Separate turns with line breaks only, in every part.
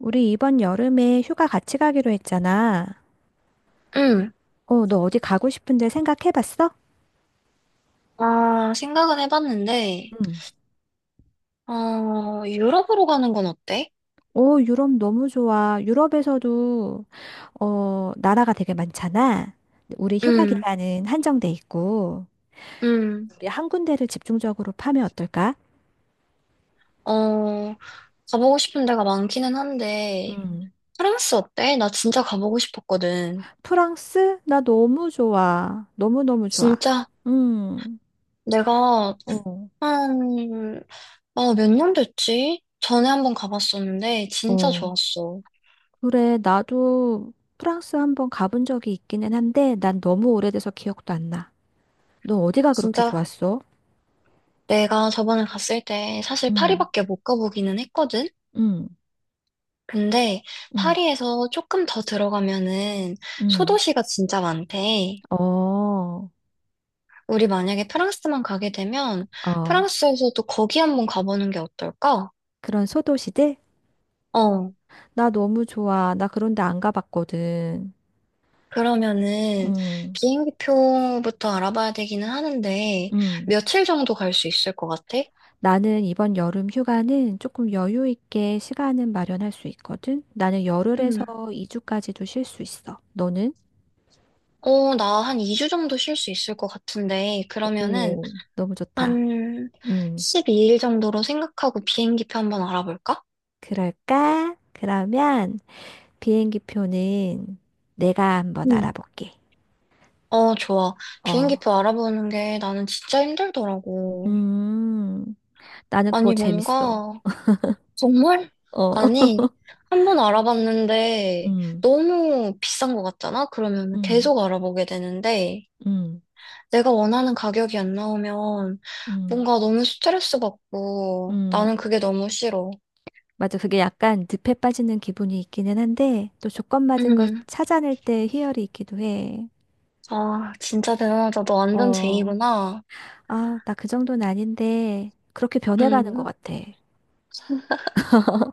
우리 이번 여름에 휴가 같이 가기로 했잖아.
응.
어, 너 어디 가고 싶은데 생각해 봤어?
생각은 해봤는데,
응.
어, 유럽으로 가는 건 어때?
오, 유럽 너무 좋아. 유럽에서도, 어, 나라가 되게 많잖아. 우리 휴가
응,
기간은 한정돼 있고,
응.
우리 한 군데를 집중적으로 파면 어떨까?
어, 가보고 싶은 데가 많기는 한데,
응.
프랑스 어때? 나 진짜 가보고 싶었거든.
프랑스? 나 너무 좋아. 너무너무 좋아.
진짜
음,
내가
어,
한, 몇 년 됐지? 전에 한번 가봤었는데, 진짜
어.
좋았어.
그래, 나도 프랑스 한번 가본 적이 있기는 한데, 난 너무 오래돼서 기억도 안 나. 너 어디가 그렇게
진짜
좋았어?
내가 저번에 갔을 때 사실
응,
파리밖에 못 가보기는 했거든?
응,
근데
응,
파리에서 조금 더 들어가면은
응.
소도시가 진짜 많대.
어,
우리 만약에 프랑스만 가게 되면
어.
프랑스에서도 거기 한번 가보는 게 어떨까?
그런 소도시들?
어.
나 너무 좋아. 나 그런 데 안 가봤거든.
그러면은
응,
비행기표부터 알아봐야 되기는 하는데
응.
며칠 정도 갈 수 있을 것 같아?
나는 이번 여름 휴가는 조금 여유 있게 시간은 마련할 수 있거든. 나는 열흘에서
음.
2주까지도 쉴 수 있어. 너는?
나 한 2주 정도 쉴 수 있을 것 같은데 그러면은
오. 너무 좋다.
한
응.
12일 정도로 생각하고 비행기표 한번 알아볼까?
그럴까? 그러면 비행기 표는 내가 한번 알아볼게.
어, 좋아.
어.
비행기표 알아보는 게 나는 진짜 힘들더라고.
음. 나는 그거
아니,
재밌어.
뭔가, 정말?
어,
아니, 한 번 알아봤는데
음,
너무 비싼 것 같잖아? 그러면
음,
계속 알아보게 되는데
음,
내가 원하는 가격이 안 나오면
음,
뭔가 너무 스트레스 받고 나는
음.
그게 너무 싫어.
맞아. 그게 약간 늪에 빠지는 기분이 있기는 한데, 또 조건 맞은 걸
음,
찾아낼 때 희열이 있기도 해.
아, 진짜 대단하다. 너 완전
어,
제이구나.
아, 나 그 정도는 아닌데, 그렇게 변해가는 것
음,
같아.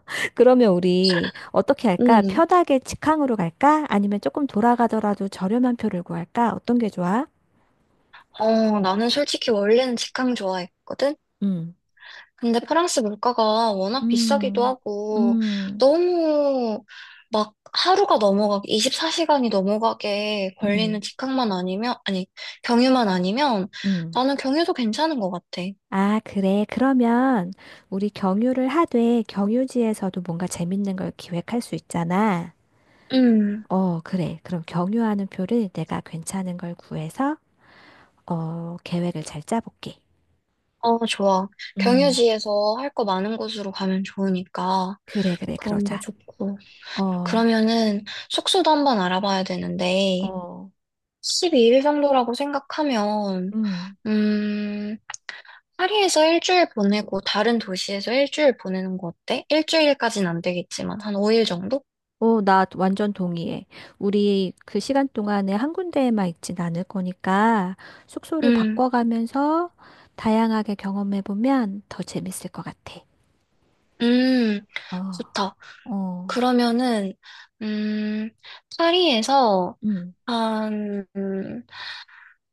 그러면 우리 어떻게 할까?
음.
편하게 직항으로 갈까? 아니면 조금 돌아가더라도 저렴한 표를 구할까? 어떤 게 좋아?
나는 솔직히 원래는 직항 좋아했거든?
음,
근데 프랑스 물가가 워낙 비싸기도
음,
하고,
음,
너무 막 하루가 넘어가게, 24시간이 넘어가게 걸리는
음,
직항만 아니면, 아니, 경유만 아니면,
음.
나는 경유도 괜찮은 것 같아.
아, 그래. 그러면 우리 경유를 하되 경유지에서도 뭔가 재밌는 걸 기획할 수 있잖아.
음,
어, 그래. 그럼 경유하는 표를 내가 괜찮은 걸 구해서 어, 계획을 잘 짜볼게.
어, 좋아.
음,
경유지에서 할 거 많은 곳으로 가면 좋으니까,
그래, 그래.
그런 거
그러자.
좋고.
어,
그러면은, 숙소도 한번 알아봐야 되는데,
어,
12일 정도라고 생각하면,
음.
음, 파리에서 일주일 보내고 다른 도시에서 일주일 보내는 거 어때? 일주일까진 안 되겠지만, 한 5일 정도?
어, 나 완전 동의해. 우리 그 시간 동안에 한 군데에만 있진 않을 거니까 숙소를
음,
바꿔가면서 다양하게 경험해보면 더 재밌을 것 같아.
음,
어,
좋다.
어.
그러면은, 음, 파리에서,
음.
한, 음,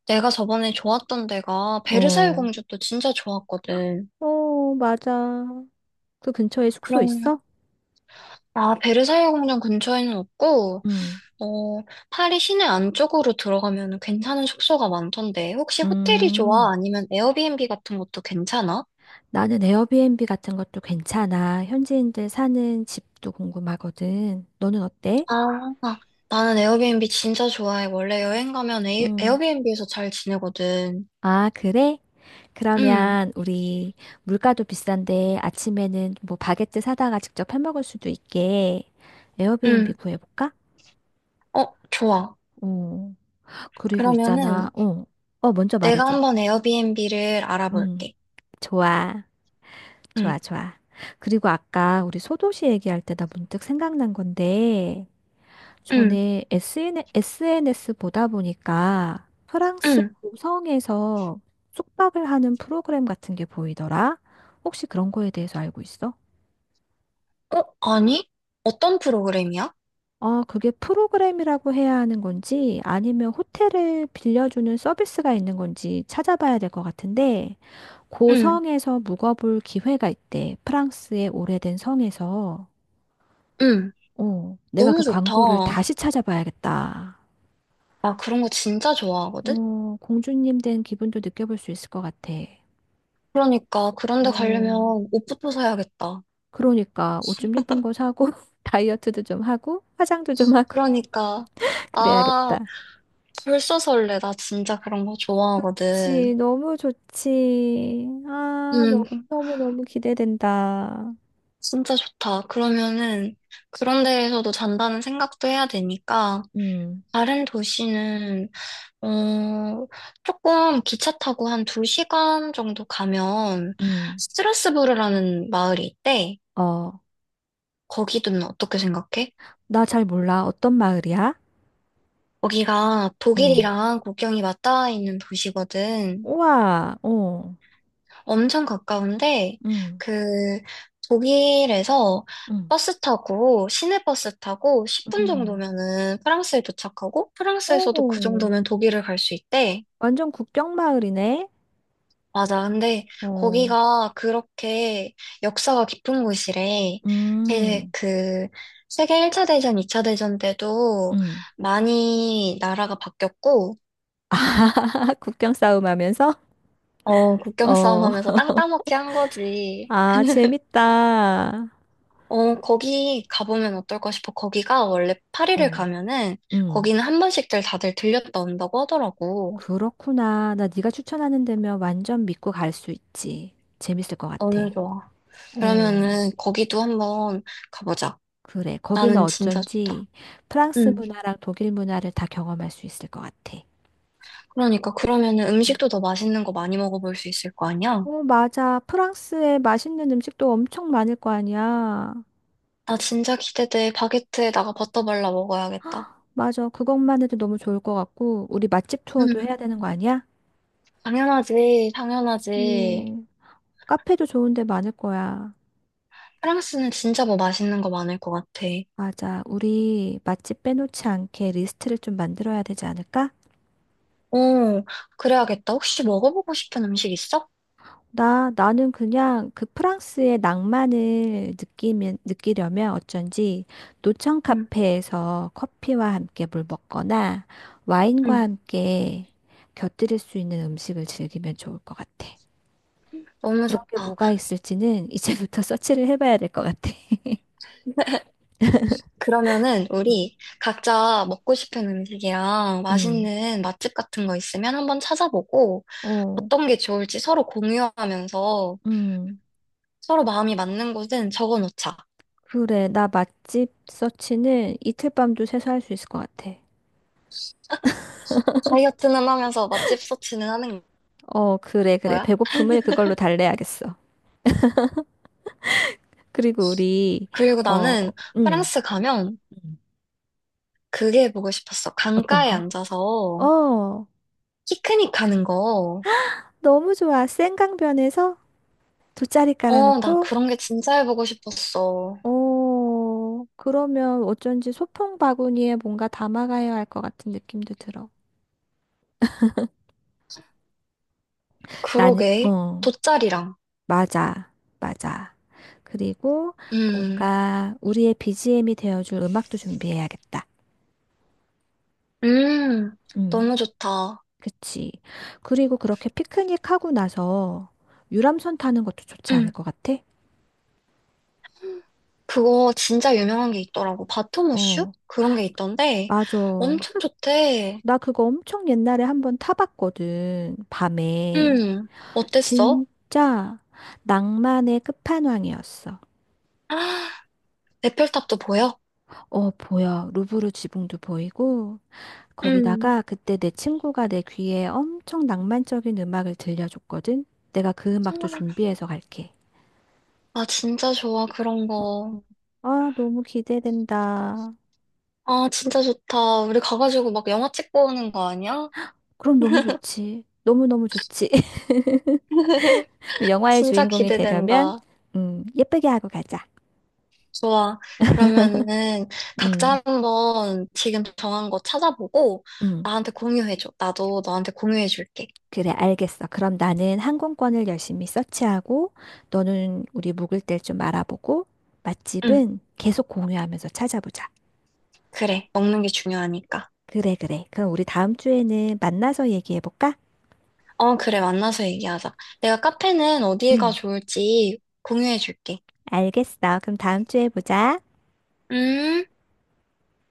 내가 저번에 좋았던 데가 베르사유
어,
궁전도 진짜 좋았거든.
어, 맞아. 그 근처에 숙소
그럼,
있어?
베르사유 궁전 근처에는 없고,
응.
어, 파리 시내 안쪽으로 들어가면 괜찮은 숙소가 많던데, 혹시 호텔이
음,
좋아? 아니면 에어비앤비 같은 것도 괜찮아?
나는 에어비앤비 같은 것도 괜찮아. 현지인들 사는 집도 궁금하거든. 너는 어때?
아, 아, 나는 에어비앤비 진짜 좋아해. 원래 여행 가면
응.
에어비앤비에서 잘 지내거든.
아, 그래?
응,
그러면 우리 물가도 비싼데 아침에는 뭐 바게트 사다가 직접 해 먹을 수도 있게 에어비앤비
응.
구해볼까?
어, 좋아.
어, 그리고 있잖아.
그러면은
어, 어, 먼저
내가
말해줘.
한번 에어비앤비를
음,
알아볼게.
좋아.
응,
좋아, 좋아. 그리고 아까 우리 소도시 얘기할 때나 문득 생각난 건데,
응,
전에 SNS 보다 보니까 프랑스
응.
고성에서 숙박을 하는 프로그램 같은 게 보이더라. 혹시 그런 거에 대해서 알고 있어?
어, 아니? 어떤 프로그램이야?
어, 그게 프로그램이라고 해야 하는 건지 아니면 호텔을 빌려주는 서비스가 있는 건지 찾아봐야 될 것 같은데,
응,
고성에서 묵어볼 기회가 있대. 프랑스의 오래된 성에서.
응.
어, 내가 그
너무
광고를
좋다.
다시 찾아봐야겠다.
나 그런 거 진짜 좋아하거든?
어, 공주님 된 기분도 느껴볼 수 있을 것 같아.
그러니까 그런 데
어,
가려면 옷부터 사야겠다.
그러니까 옷 좀 예쁜 거 사고 다이어트도 좀 하고 화장도 좀 하고
그러니까 아
그래야겠다.
벌써 설레. 나 진짜 그런 거
그치,
좋아하거든.
너무 좋지. 아,
음
너무너무너무 기대된다.
진짜 좋다. 그러면은 그런 데에서도 잔다는 생각도 해야 되니까
음,
다른 도시는 어 조금 기차 타고 한 두시간 정도 가면
음.
스트라스부르라는 마을이 있대.
어,
거기는 어떻게 생각해?
나 잘 몰라. 어떤 마을이야?
거기가
어.
독일이랑 국경이 맞닿아 있는 도시거든.
우와, 어.
엄청 가까운데,
음,
그, 독일에서
음,
버스 타고, 시내 버스 타고 10분
음.
정도면은 프랑스에 도착하고, 프랑스에서도 그
오,
정도면 독일을 갈 수 있대.
완전 국경 마을이네.
맞아. 근데
어,
거기가 그렇게 역사가 깊은 곳이래. 제,
음,
그, 세계 1차 대전, 2차 대전 때도
음.
많이 나라가 바뀌었고,
아, 국경 싸움 하면서?
어, 국경 싸움
어,
하면서 땅 따먹기 한 거지.
아, 재밌다.
어, 거기 가보면 어떨까 싶어. 거기가 원래 파리를
어,
가면은
음.
거기는 한 번씩들 다들 들렸다 온다고 하더라고.
그렇구나. 나 네가 추천하는 데면 완전 믿고 갈 수 있지. 재밌을 것 같아.
너무 좋아.
어,
그러면은 거기도 한번 가보자.
그래. 거기는
나는 진짜 좋다.
어쩐지 프랑스
응.
문화랑 독일 문화를 다 경험할 수 있을 것 같아.
그러니까 그러면은 음식도 더 맛있는 거 많이 먹어볼 수 있을 거 아니야?
어, 맞아. 프랑스에 맛있는 음식도 엄청 많을 거 아니야.
나 진짜 기대돼. 바게트에다가 버터 발라 먹어야겠다.
맞아. 그것만 해도 너무 좋을 것 같고, 우리 맛집 투어도
응.
해야 되는 거 아니야?
당연하지. 당연하지.
예. 카페도 좋은데 많을 거야.
프랑스는 진짜 뭐 맛있는 거 많을 것 같아.
맞아. 우리 맛집 빼놓지 않게 리스트를 좀 만들어야 되지 않을까?
오, 그래야겠다. 혹시 먹어보고 싶은 음식 있어?
나, 나는 그냥 그 프랑스의 낭만을 느끼면, 느끼려면 어쩐지 노천
응.
카페에서 커피와 함께 물 먹거나 와인과
응,
함께 곁들일 수 있는 음식을 즐기면 좋을 것 같아.
너무
그런 게
좋다.
뭐가 있을지는 이제부터 서치를 해봐야 될 것 같아.
그러면은
음.
우리 각자 먹고 싶은 음식이랑
음.
맛있는 맛집 같은 거 있으면 한번 찾아보고
어.
어떤 게 좋을지 서로 공유하면서
음.
서로 마음이 맞는 곳은 적어 놓자.
그래, 나 맛집 서치는 이틀 밤도 새서 할 수 있을 것 같아.
다이어트는 하면서 맛집 서치는 하는
어, 그래, 그래.
거야.
배고픔을 그걸로 달래야겠어. 그리고 우리,
그리고
어,
나는
음,
프랑스 가면
음.
그게 보고 싶었어.
어떤
강가에
거?
앉아서
어,
피크닉 하는 거.
너무 좋아. 센강변에서 돗자리
어, 나
깔아놓고,
그런 게 진짜 해보고 싶었어.
어, 그러면 어쩐지 소풍 바구니에 뭔가 담아가야 할 것 같은 느낌도 들어. 나는,
그러게.
어,
돗자리랑.
맞아, 맞아. 그리고
음.
뭔가 우리의 BGM이 되어줄 음악도 준비해야겠다.
음,
음,
너무 좋다.
그치. 그리고 그렇게 피크닉 하고 나서 유람선 타는 것도 좋지 않을
음,
것 같아?
그거 진짜 유명한 게 있더라고. 바토무슈?
어,
그런 게 있던데
맞아.
엄청 좋대.
나 그거 엄청 옛날에 한번 타봤거든. 밤에.
음, 어땠어?
진짜 낭만의 끝판왕이었어.
아, 에펠탑도 보여?
어, 보여. 루브르 지붕도 보이고,
음.
거기다가 그때 내 친구가 내 귀에 엄청 낭만적인 음악을 들려줬거든. 내가 그 음악도 준비해서 갈게.
아, 진짜 좋아, 그런 거.
아, 너무 기대된다.
아, 진짜 좋다. 우리 가가지고 막 영화 찍고 오는 거 아니야?
그럼 너무 좋지. 너무너무 좋지. 영화의
진짜
주인공이 되려면,
기대된다.
예쁘게 하고 가자.
좋아. 그러면은
음,
각자 한번 지금 정한 거 찾아보고
음.
나한테 공유해줘. 나도 너한테 공유해줄게.
그래, 알겠어. 그럼 나는 항공권을 열심히 서치하고, 너는 우리 묵을 때 좀 알아보고,
응,
맛집은 계속 공유하면서 찾아보자.
그래. 먹는 게 중요하니까.
그래, 그래. 그럼 우리 다음 주에는 만나서 얘기해볼까?
어, 그래. 만나서 얘기하자. 내가 카페는 어디가
응,
좋을지 공유해줄게.
알겠어. 그럼 다음 주에 보자.
음.